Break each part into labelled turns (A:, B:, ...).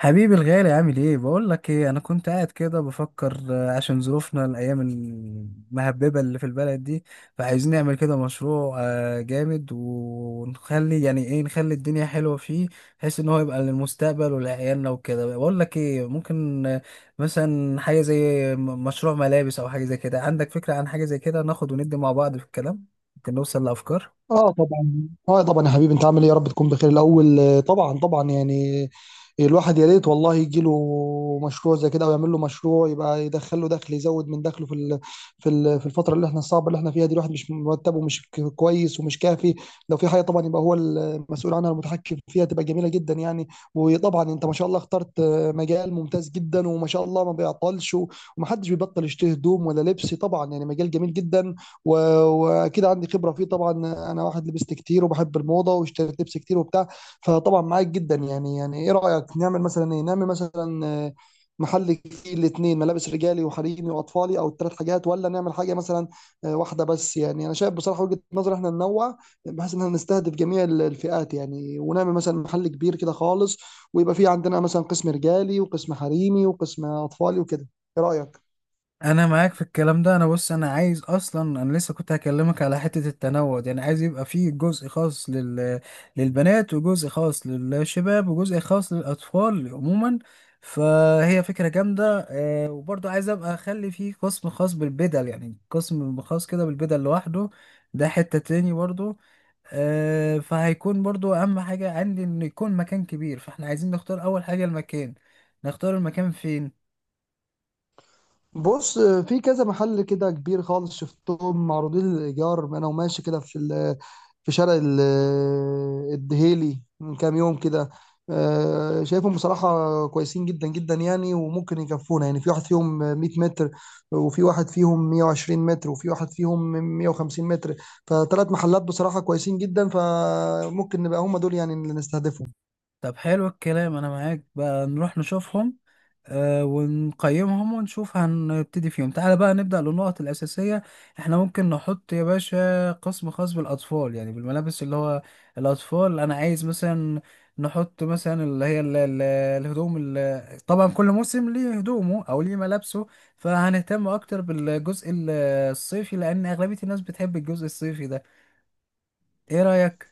A: حبيبي الغالي، عامل ايه؟ بقول لك ايه، انا كنت قاعد كده بفكر، عشان ظروفنا الايام المهببه اللي في البلد دي. فعايزين نعمل كده مشروع جامد، ونخلي يعني ايه، نخلي الدنيا حلوه فيه، بحيث ان هو يبقى للمستقبل ولعيالنا وكده. بقول لك ايه، ممكن مثلا حاجه زي مشروع ملابس او حاجه زي كده. عندك فكره عن حاجه زي كده؟ ناخد وندي مع بعض في الكلام، ممكن نوصل لافكار.
B: اه طبعا اه طبعا يا حبيبي، انت عامل ايه؟ يا رب تكون بخير الاول. طبعا طبعا، يعني الواحد يا ريت والله يجي له مشروع زي كده او يعمل له مشروع يبقى يدخل له دخل، يزود من دخله في الفتره اللي احنا الصعبه اللي احنا فيها دي. الواحد مش مرتبه، مش كويس ومش كافي. لو في حاجه طبعا يبقى هو المسؤول عنها، المتحكم فيها، تبقى جميله جدا يعني. وطبعا انت ما شاء الله اخترت مجال ممتاز جدا، وما شاء الله ما بيعطلش ومحدش بيبطل يشتري هدوم ولا لبس، طبعا يعني مجال جميل جدا. و- واكيد عندي خبره فيه طبعا. انا واحد لبست كتير وبحب الموضه واشتريت لبس كتير وبتاع. فطبعا معاك جدا يعني. يعني ايه رايك، نعمل مثلا ايه، نعمل مثلا محل فيه الاثنين، ملابس رجالي وحريمي واطفالي، او الثلاث حاجات، ولا نعمل حاجه مثلا واحده بس؟ يعني انا شايف بصراحه وجهه نظر احنا ننوع، بحيث ان احنا نستهدف جميع الفئات يعني، ونعمل مثلا محل كبير كده خالص، ويبقى فيه عندنا مثلا قسم رجالي وقسم حريمي وقسم اطفالي وكده. ايه رايك؟
A: انا معاك في الكلام ده. انا بص، انا عايز اصلا، انا لسه كنت هكلمك على حتة التنوع دي. انا عايز يبقى فيه جزء خاص لل... للبنات، وجزء خاص للشباب، وجزء خاص للاطفال عموما. فهي فكرة جامدة وبرضه عايز ابقى اخلي فيه قسم خاص بالبدل، يعني قسم خاص كده بالبدل لوحده، ده حتة تاني برضه. فهيكون برضه اهم حاجة عندي ان يكون مكان كبير، فاحنا عايزين نختار اول حاجة المكان. نختار المكان فين؟
B: بص، في كذا محل كده كبير خالص شفتهم معروضين للإيجار، أنا وماشي كده في شارع الدهيلي من كام يوم كده. شايفهم بصراحة كويسين جدا جدا يعني، وممكن يكفونا. يعني في واحد فيهم 100 متر، وفي واحد فيهم 120 متر، وفي واحد فيهم 150 متر. فثلاث محلات بصراحة كويسين جدا، فممكن نبقى هم دول يعني اللي نستهدفهم.
A: طب حلو الكلام، انا معاك، بقى نروح نشوفهم ونقيمهم ونشوف هنبتدي فيهم. تعالى بقى نبدأ للنقط الأساسية. احنا ممكن نحط يا باشا قسم خاص بالأطفال، يعني بالملابس اللي هو الأطفال. انا عايز مثلا نحط مثلا اللي هي الهدوم طبعا كل موسم ليه هدومه او ليه ملابسه. فهنهتم اكتر بالجزء الصيفي، لان اغلبية الناس بتحب الجزء الصيفي ده. ايه رأيك؟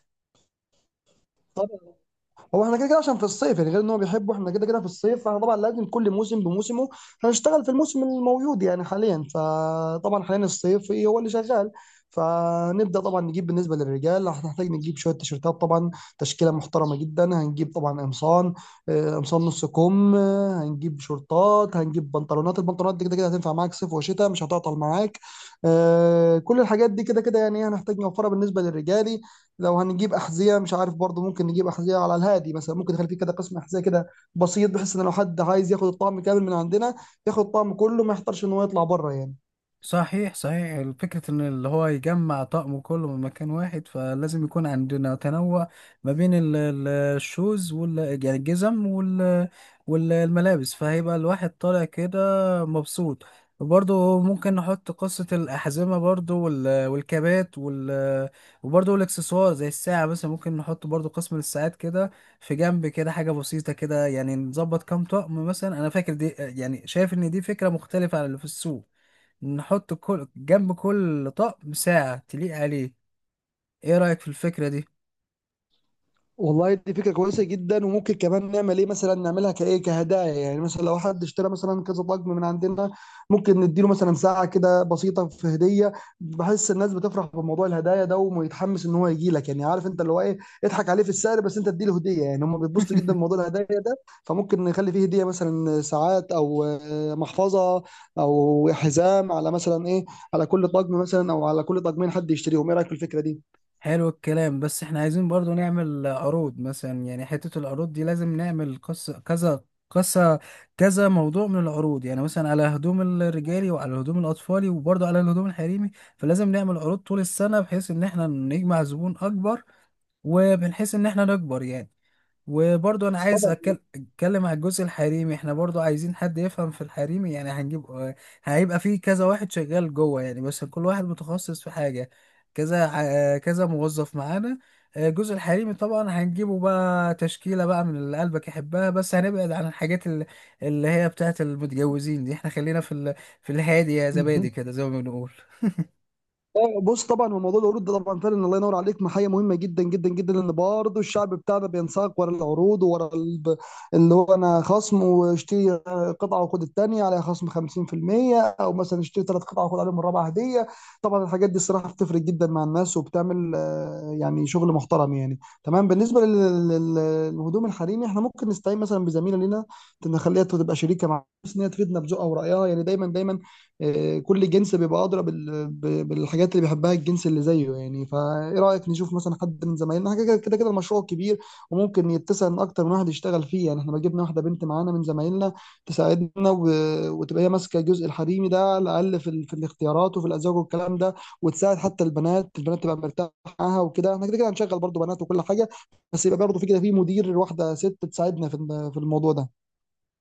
B: هو احنا كده كده عشان في الصيف، يعني غير ان هو بيحبه، احنا كده كده في الصيف، فاحنا طبعا لازم كل موسم بموسمه. هنشتغل في الموسم الموجود يعني حاليا، فطبعا حاليا الصيف إيه هو اللي شغال. فنبدا طبعا نجيب، بالنسبه للرجال هنحتاج نجيب شويه تيشيرتات طبعا، تشكيله محترمه جدا، هنجيب طبعا قمصان، قمصان نص كم، هنجيب شورتات، هنجيب بنطلونات. البنطلونات دي كده كده هتنفع معاك صيف وشتاء، مش هتعطل معاك. كل الحاجات دي كده كده يعني هنحتاج نوفرها بالنسبه للرجال. لو هنجيب احذيه، مش عارف برضه، ممكن نجيب احذيه على الهادي مثلا، ممكن نخلي فيه كده قسم احذيه كده بسيط، بحيث ان لو حد عايز ياخد الطعم كامل من عندنا ياخد الطعم كله، ما يحتارش ان هو يطلع بره يعني.
A: صحيح صحيح، فكرة ان اللي هو يجمع طقمه كله من مكان واحد، فلازم يكون عندنا تنوع ما بين الشوز وال، يعني الجزم، وال والملابس، فهيبقى الواحد طالع كده مبسوط. وبرضه ممكن نحط قصة الأحزمة برضه، والكابات وال، وبرضه الإكسسوار زي الساعة مثلا، ممكن نحط برضه قسم للساعات كده في جنب، كده حاجة بسيطة كده يعني، نظبط كام طقم مثلا. أنا فاكر دي، يعني شايف إن دي فكرة مختلفة عن اللي في السوق. نحط كل جنب كل طقم ساعة تليق عليه. ايه رأيك في الفكرة دي؟
B: والله دي فكرة كويسة جدا، وممكن كمان نعمل ايه، مثلا نعملها كايه كهدايا. يعني مثلا لو حد اشترى مثلا كذا طقم من عندنا، ممكن نديله مثلا ساعة كده بسيطة في هدية. بحس الناس بتفرح بموضوع الهدايا ده، ويتحمس ان هو يجي لك. يعني عارف انت اللي هو ايه، اضحك عليه في السعر بس انت اديله هدية. يعني هم بيتبسطوا جدا بموضوع الهدايا ده. فممكن نخلي فيه هدية مثلا ساعات، او محفظة، او حزام، على مثلا ايه، على كل طقم مثلا، او على كل طقمين حد يشتريهم. ايه رأيك في الفكرة دي؟
A: حلو الكلام، بس احنا عايزين برضو نعمل عروض مثلا، يعني حتة العروض دي لازم نعمل قصة كذا قصة، كذا موضوع من العروض، يعني مثلا على هدوم الرجالي، وعلى هدوم الأطفالي، وبرضو على الهدوم الحريمي. فلازم نعمل عروض طول السنة، بحيث ان احنا نجمع زبون أكبر، وبنحيث ان احنا نكبر يعني. وبرضو انا عايز اتكلم على الجزء الحريمي. احنا برضو عايزين حد يفهم في الحريمي، يعني هنجيب هيبقى فيه كذا واحد شغال جوه يعني، بس كل واحد متخصص في حاجة، كذا كذا موظف معانا. الجزء الحريمي طبعا هنجيبه بقى تشكيلة بقى من اللي قلبك يحبها، بس هنبعد عن الحاجات اللي هي بتاعت المتجوزين دي، احنا خلينا في ال... في الهادي يا
B: طبعا
A: زبادي كده، زي ما بنقول.
B: بص، طبعا هو موضوع العروض ده طبعا فعلا الله ينور عليك، محاية مهمة جدا جدا جدا. لان برضه الشعب بتاعنا بينساق ورا العروض، ورا اللي هو انا خصم، واشتري قطعة وخد التانية عليها خصم 50%، او مثلا اشتري ثلاث قطع وخد عليهم الرابعة هدية. طبعا الحاجات دي الصراحة بتفرق جدا مع الناس، وبتعمل يعني شغل محترم يعني. تمام، بالنسبة للهدوم الحريمي احنا ممكن نستعين مثلا بزميلة لنا، نخليها تبقى شريكة معانا، بس ان هي تفيدنا بذوقها ورأيها يعني دايما دايما. كل جنس بيبقى أدرى بالحاجات اللي بيحبها الجنس اللي زيه يعني. فإيه رأيك نشوف مثلا حد من زمايلنا؟ حاجة كده كده كده المشروع كبير، وممكن يتسع إن أكتر من واحد يشتغل فيه يعني. إحنا لو جبنا واحدة بنت معانا من زمايلنا تساعدنا، وتبقى هي ماسكة الجزء الحريمي ده، على الأقل في الاختيارات وفي الأزواج والكلام ده، وتساعد حتى البنات. البنات تبقى مرتاحة معاها وكده. إحنا كده كده هنشغل برضه بنات وكل حاجة، بس يبقى برضه في كده في مدير، واحدة ست تساعدنا في الموضوع ده.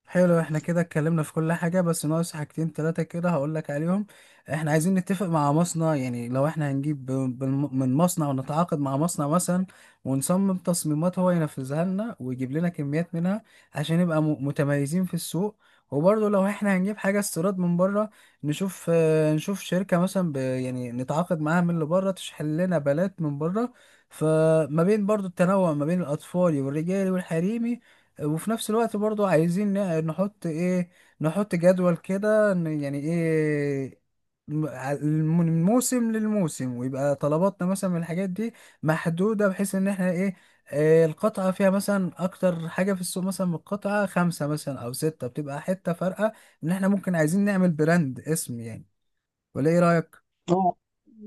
A: حلو، احنا كده اتكلمنا في كل حاجة، بس ناقص حاجتين تلاتة كده هقولك عليهم. احنا عايزين نتفق مع مصنع، يعني لو احنا هنجيب من مصنع، ونتعاقد مع مصنع مثلا، ونصمم تصميمات هو ينفذها لنا ويجيب لنا كميات منها، عشان نبقى متميزين في السوق. وبرضه لو احنا هنجيب حاجة استيراد من بره، نشوف نشوف شركة مثلا ب يعني نتعاقد معاها من اللي بره، تشحن لنا بلات من بره. فما بين برضه التنوع ما بين الأطفال والرجالي والحريمي، وفي نفس الوقت برضو عايزين نحط ايه، نحط جدول كده يعني ايه، من موسم للموسم، ويبقى طلباتنا مثلا من الحاجات دي محدودة، بحيث ان احنا ايه، القطعة فيها مثلا أكتر حاجة في السوق، مثلا من القطعة خمسة مثلا أو ستة، بتبقى حتة فارقة. إن إحنا ممكن عايزين نعمل براند اسم يعني، ولا إيه رأيك؟
B: اه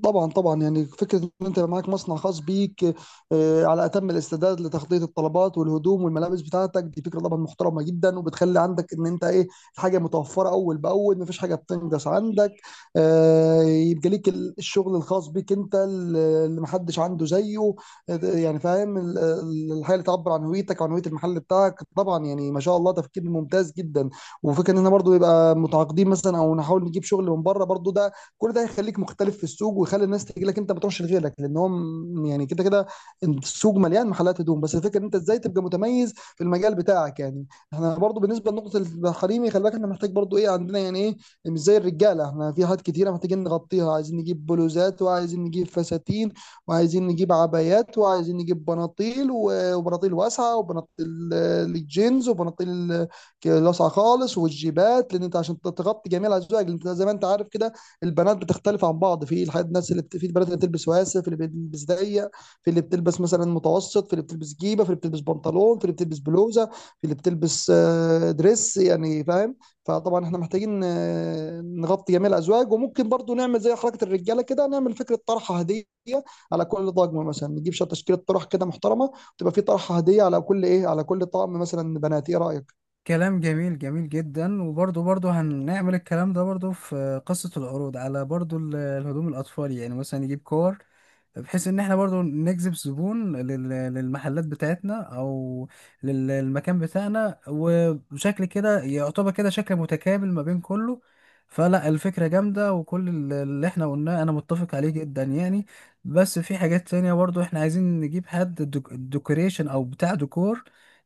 B: طبعا، طبعا يعني فكره ان انت يبقى معاك مصنع خاص بيك على اتم الاستعداد لتغطيه الطلبات والهدوم والملابس بتاعتك، دي فكره طبعا محترمه جدا، وبتخلي عندك ان انت ايه، الحاجه متوفره اول باول، مفيش حاجه بتنقص عندك. يبقى ليك الشغل الخاص بيك انت، اللي اللي محدش عنده زيه. يعني فاهم الحاجه اللي تعبر عن هويتك وعن هويه المحل بتاعك. طبعا يعني ما شاء الله تفكير ممتاز جدا. وفكره ان احنا برضه يبقى متعاقدين مثلا، او نحاول نجيب شغل من بره برضه، ده كل ده هيخليك مختلف في السوق، ويخلي الناس تيجي لك انت ما تروحش لغيرك. لان هو يعني كده كده السوق مليان محلات هدوم، بس الفكره ان انت ازاي تبقى متميز في المجال بتاعك يعني. احنا برضو بالنسبه لنقطه الحريمي، خلي بالك احنا محتاج برضو ايه عندنا، يعني ايه، مش زي الرجاله. احنا في حاجات كتيره محتاجين نغطيها، عايزين نجيب بلوزات، وعايزين نجيب فساتين، وعايزين نجيب عبايات، وعايزين نجيب بناطيل وبناطيل واسعه، وبناطيل الجينز، وبناطيل لاسعه خالص، والجيبات. لان انت عشان تغطي جميع الازواج، لان انت زي ما انت عارف كده البنات بتختلف عن بعض في الحاجات. الناس في البنات اللي بتلبس واسع، في اللي بتلبس ضيق، في اللي بتلبس مثلا متوسط، في اللي بتلبس جيبه، في اللي بتلبس بنطلون، في اللي بتلبس بلوزه، في اللي بتلبس دريس، يعني فاهم. فطبعا احنا محتاجين نغطي جميع الازواج. وممكن برضو نعمل زي حركه الرجاله كده، نعمل فكره طرحه هديه على كل طقم مثلا. نجيب شويه تشكيله طرح كده محترمه، تبقى في طرحه هديه على كل ايه، على كل طقم مثلا بنات. ايه رايك؟
A: كلام جميل، جميل جدا. وبرضه برضه هنعمل الكلام ده برضه في قصة العروض، على برضه الهدوم الأطفال، يعني مثلا نجيب كور، بحيث ان احنا برضو نجذب زبون للمحلات بتاعتنا، او للمكان بتاعنا. وشكل كده يعتبر كده شكل متكامل ما بين كله. فلا الفكرة جامدة، وكل اللي احنا قلناه انا متفق عليه جدا يعني. بس في حاجات تانية برضو، احنا عايزين نجيب حد ديكوريشن او بتاع ديكور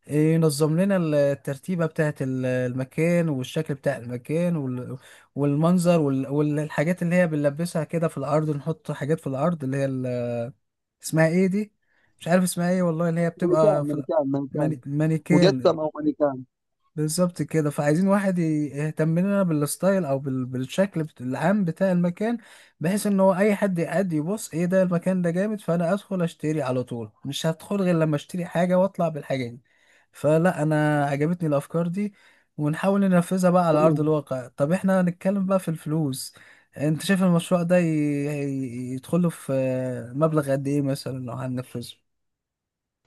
A: ينظم لنا الترتيبة بتاعت المكان، والشكل بتاع المكان، والمنظر، والحاجات اللي هي بنلبسها كده في الأرض، نحط حاجات في الأرض اللي هي اسمها ايه دي، مش عارف اسمها ايه والله، اللي هي بتبقى
B: مانيكان،
A: في
B: مانيكان، مانيكان.
A: ماني... مانيكان.
B: مجسم او مانيكان.
A: بالظبط كده. فعايزين واحد يهتم لنا بالستايل، او بال... بالشكل بت... العام بتاع المكان، بحيث ان هو اي حد يقعد يبص ايه ده المكان ده جامد، فانا ادخل اشتري على طول، مش هدخل غير لما اشتري حاجة واطلع بالحاجة دي. فلا انا عجبتني الافكار دي، ونحاول ننفذها بقى على ارض
B: تمام.
A: الواقع. طب احنا هنتكلم بقى في الفلوس. انت شايف المشروع ده يدخله في مبلغ قد ايه مثلا لو هننفذه؟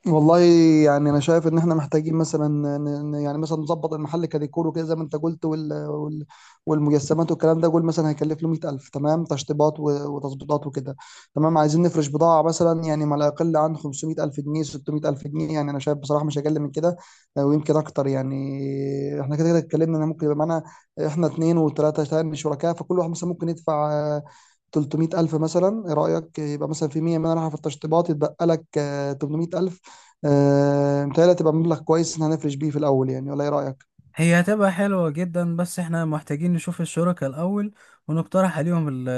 B: والله، يعني انا شايف ان احنا محتاجين مثلا يعني مثلا نظبط المحل كديكور وكده زي ما انت قلت، والمجسمات والكلام ده. قول مثلا هيكلف له 100,000، تمام تشطيبات وتظبيطات وكده تمام. عايزين نفرش بضاعة مثلا، يعني ما لا يقل عن 500,000 جنيه، 600,000 جنيه. يعني انا شايف بصراحة مش اقل من كده، ويمكن اكتر. يعني احنا كده كده اتكلمنا ان ممكن يبقى معانا احنا اتنين وتلاتة تاني شركاء، فكل واحد مثلا ممكن يدفع 300,000 مثلا. ايه رأيك يبقى مثلا في 100 من راح في التشطيبات، يتبقى لك 800,000. متهيألي هتبقى مبلغ كويس إن هنفرش بيه في الأول يعني، ولا إيه رأيك؟
A: هي هتبقى حلوة جدا، بس احنا محتاجين نشوف الشركاء الأول، ونقترح عليهم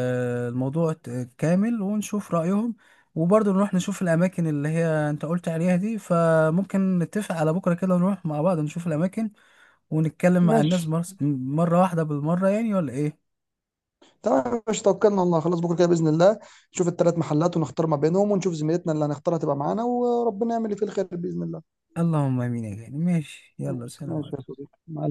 A: الموضوع كامل، ونشوف رأيهم. وبرضه نروح نشوف الأماكن اللي هي أنت قلت عليها دي، فممكن نتفق على بكرة كده نروح مع بعض نشوف الأماكن، ونتكلم مع
B: ماشي،
A: الناس مرة واحدة بالمرة يعني، ولا إيه؟
B: تمام. مش توكلنا على الله خلاص؟ بكرة كده بإذن الله نشوف الثلاث محلات، ونختار ما بينهم، ونشوف زميلتنا اللي هنختارها تبقى معانا، وربنا يعمل اللي فيه الخير بإذن الله.
A: اللهم آمين يا غالي. ماشي، يلا،
B: ماشي
A: سلام
B: ماشي يا
A: عليكم.
B: صديقي، مع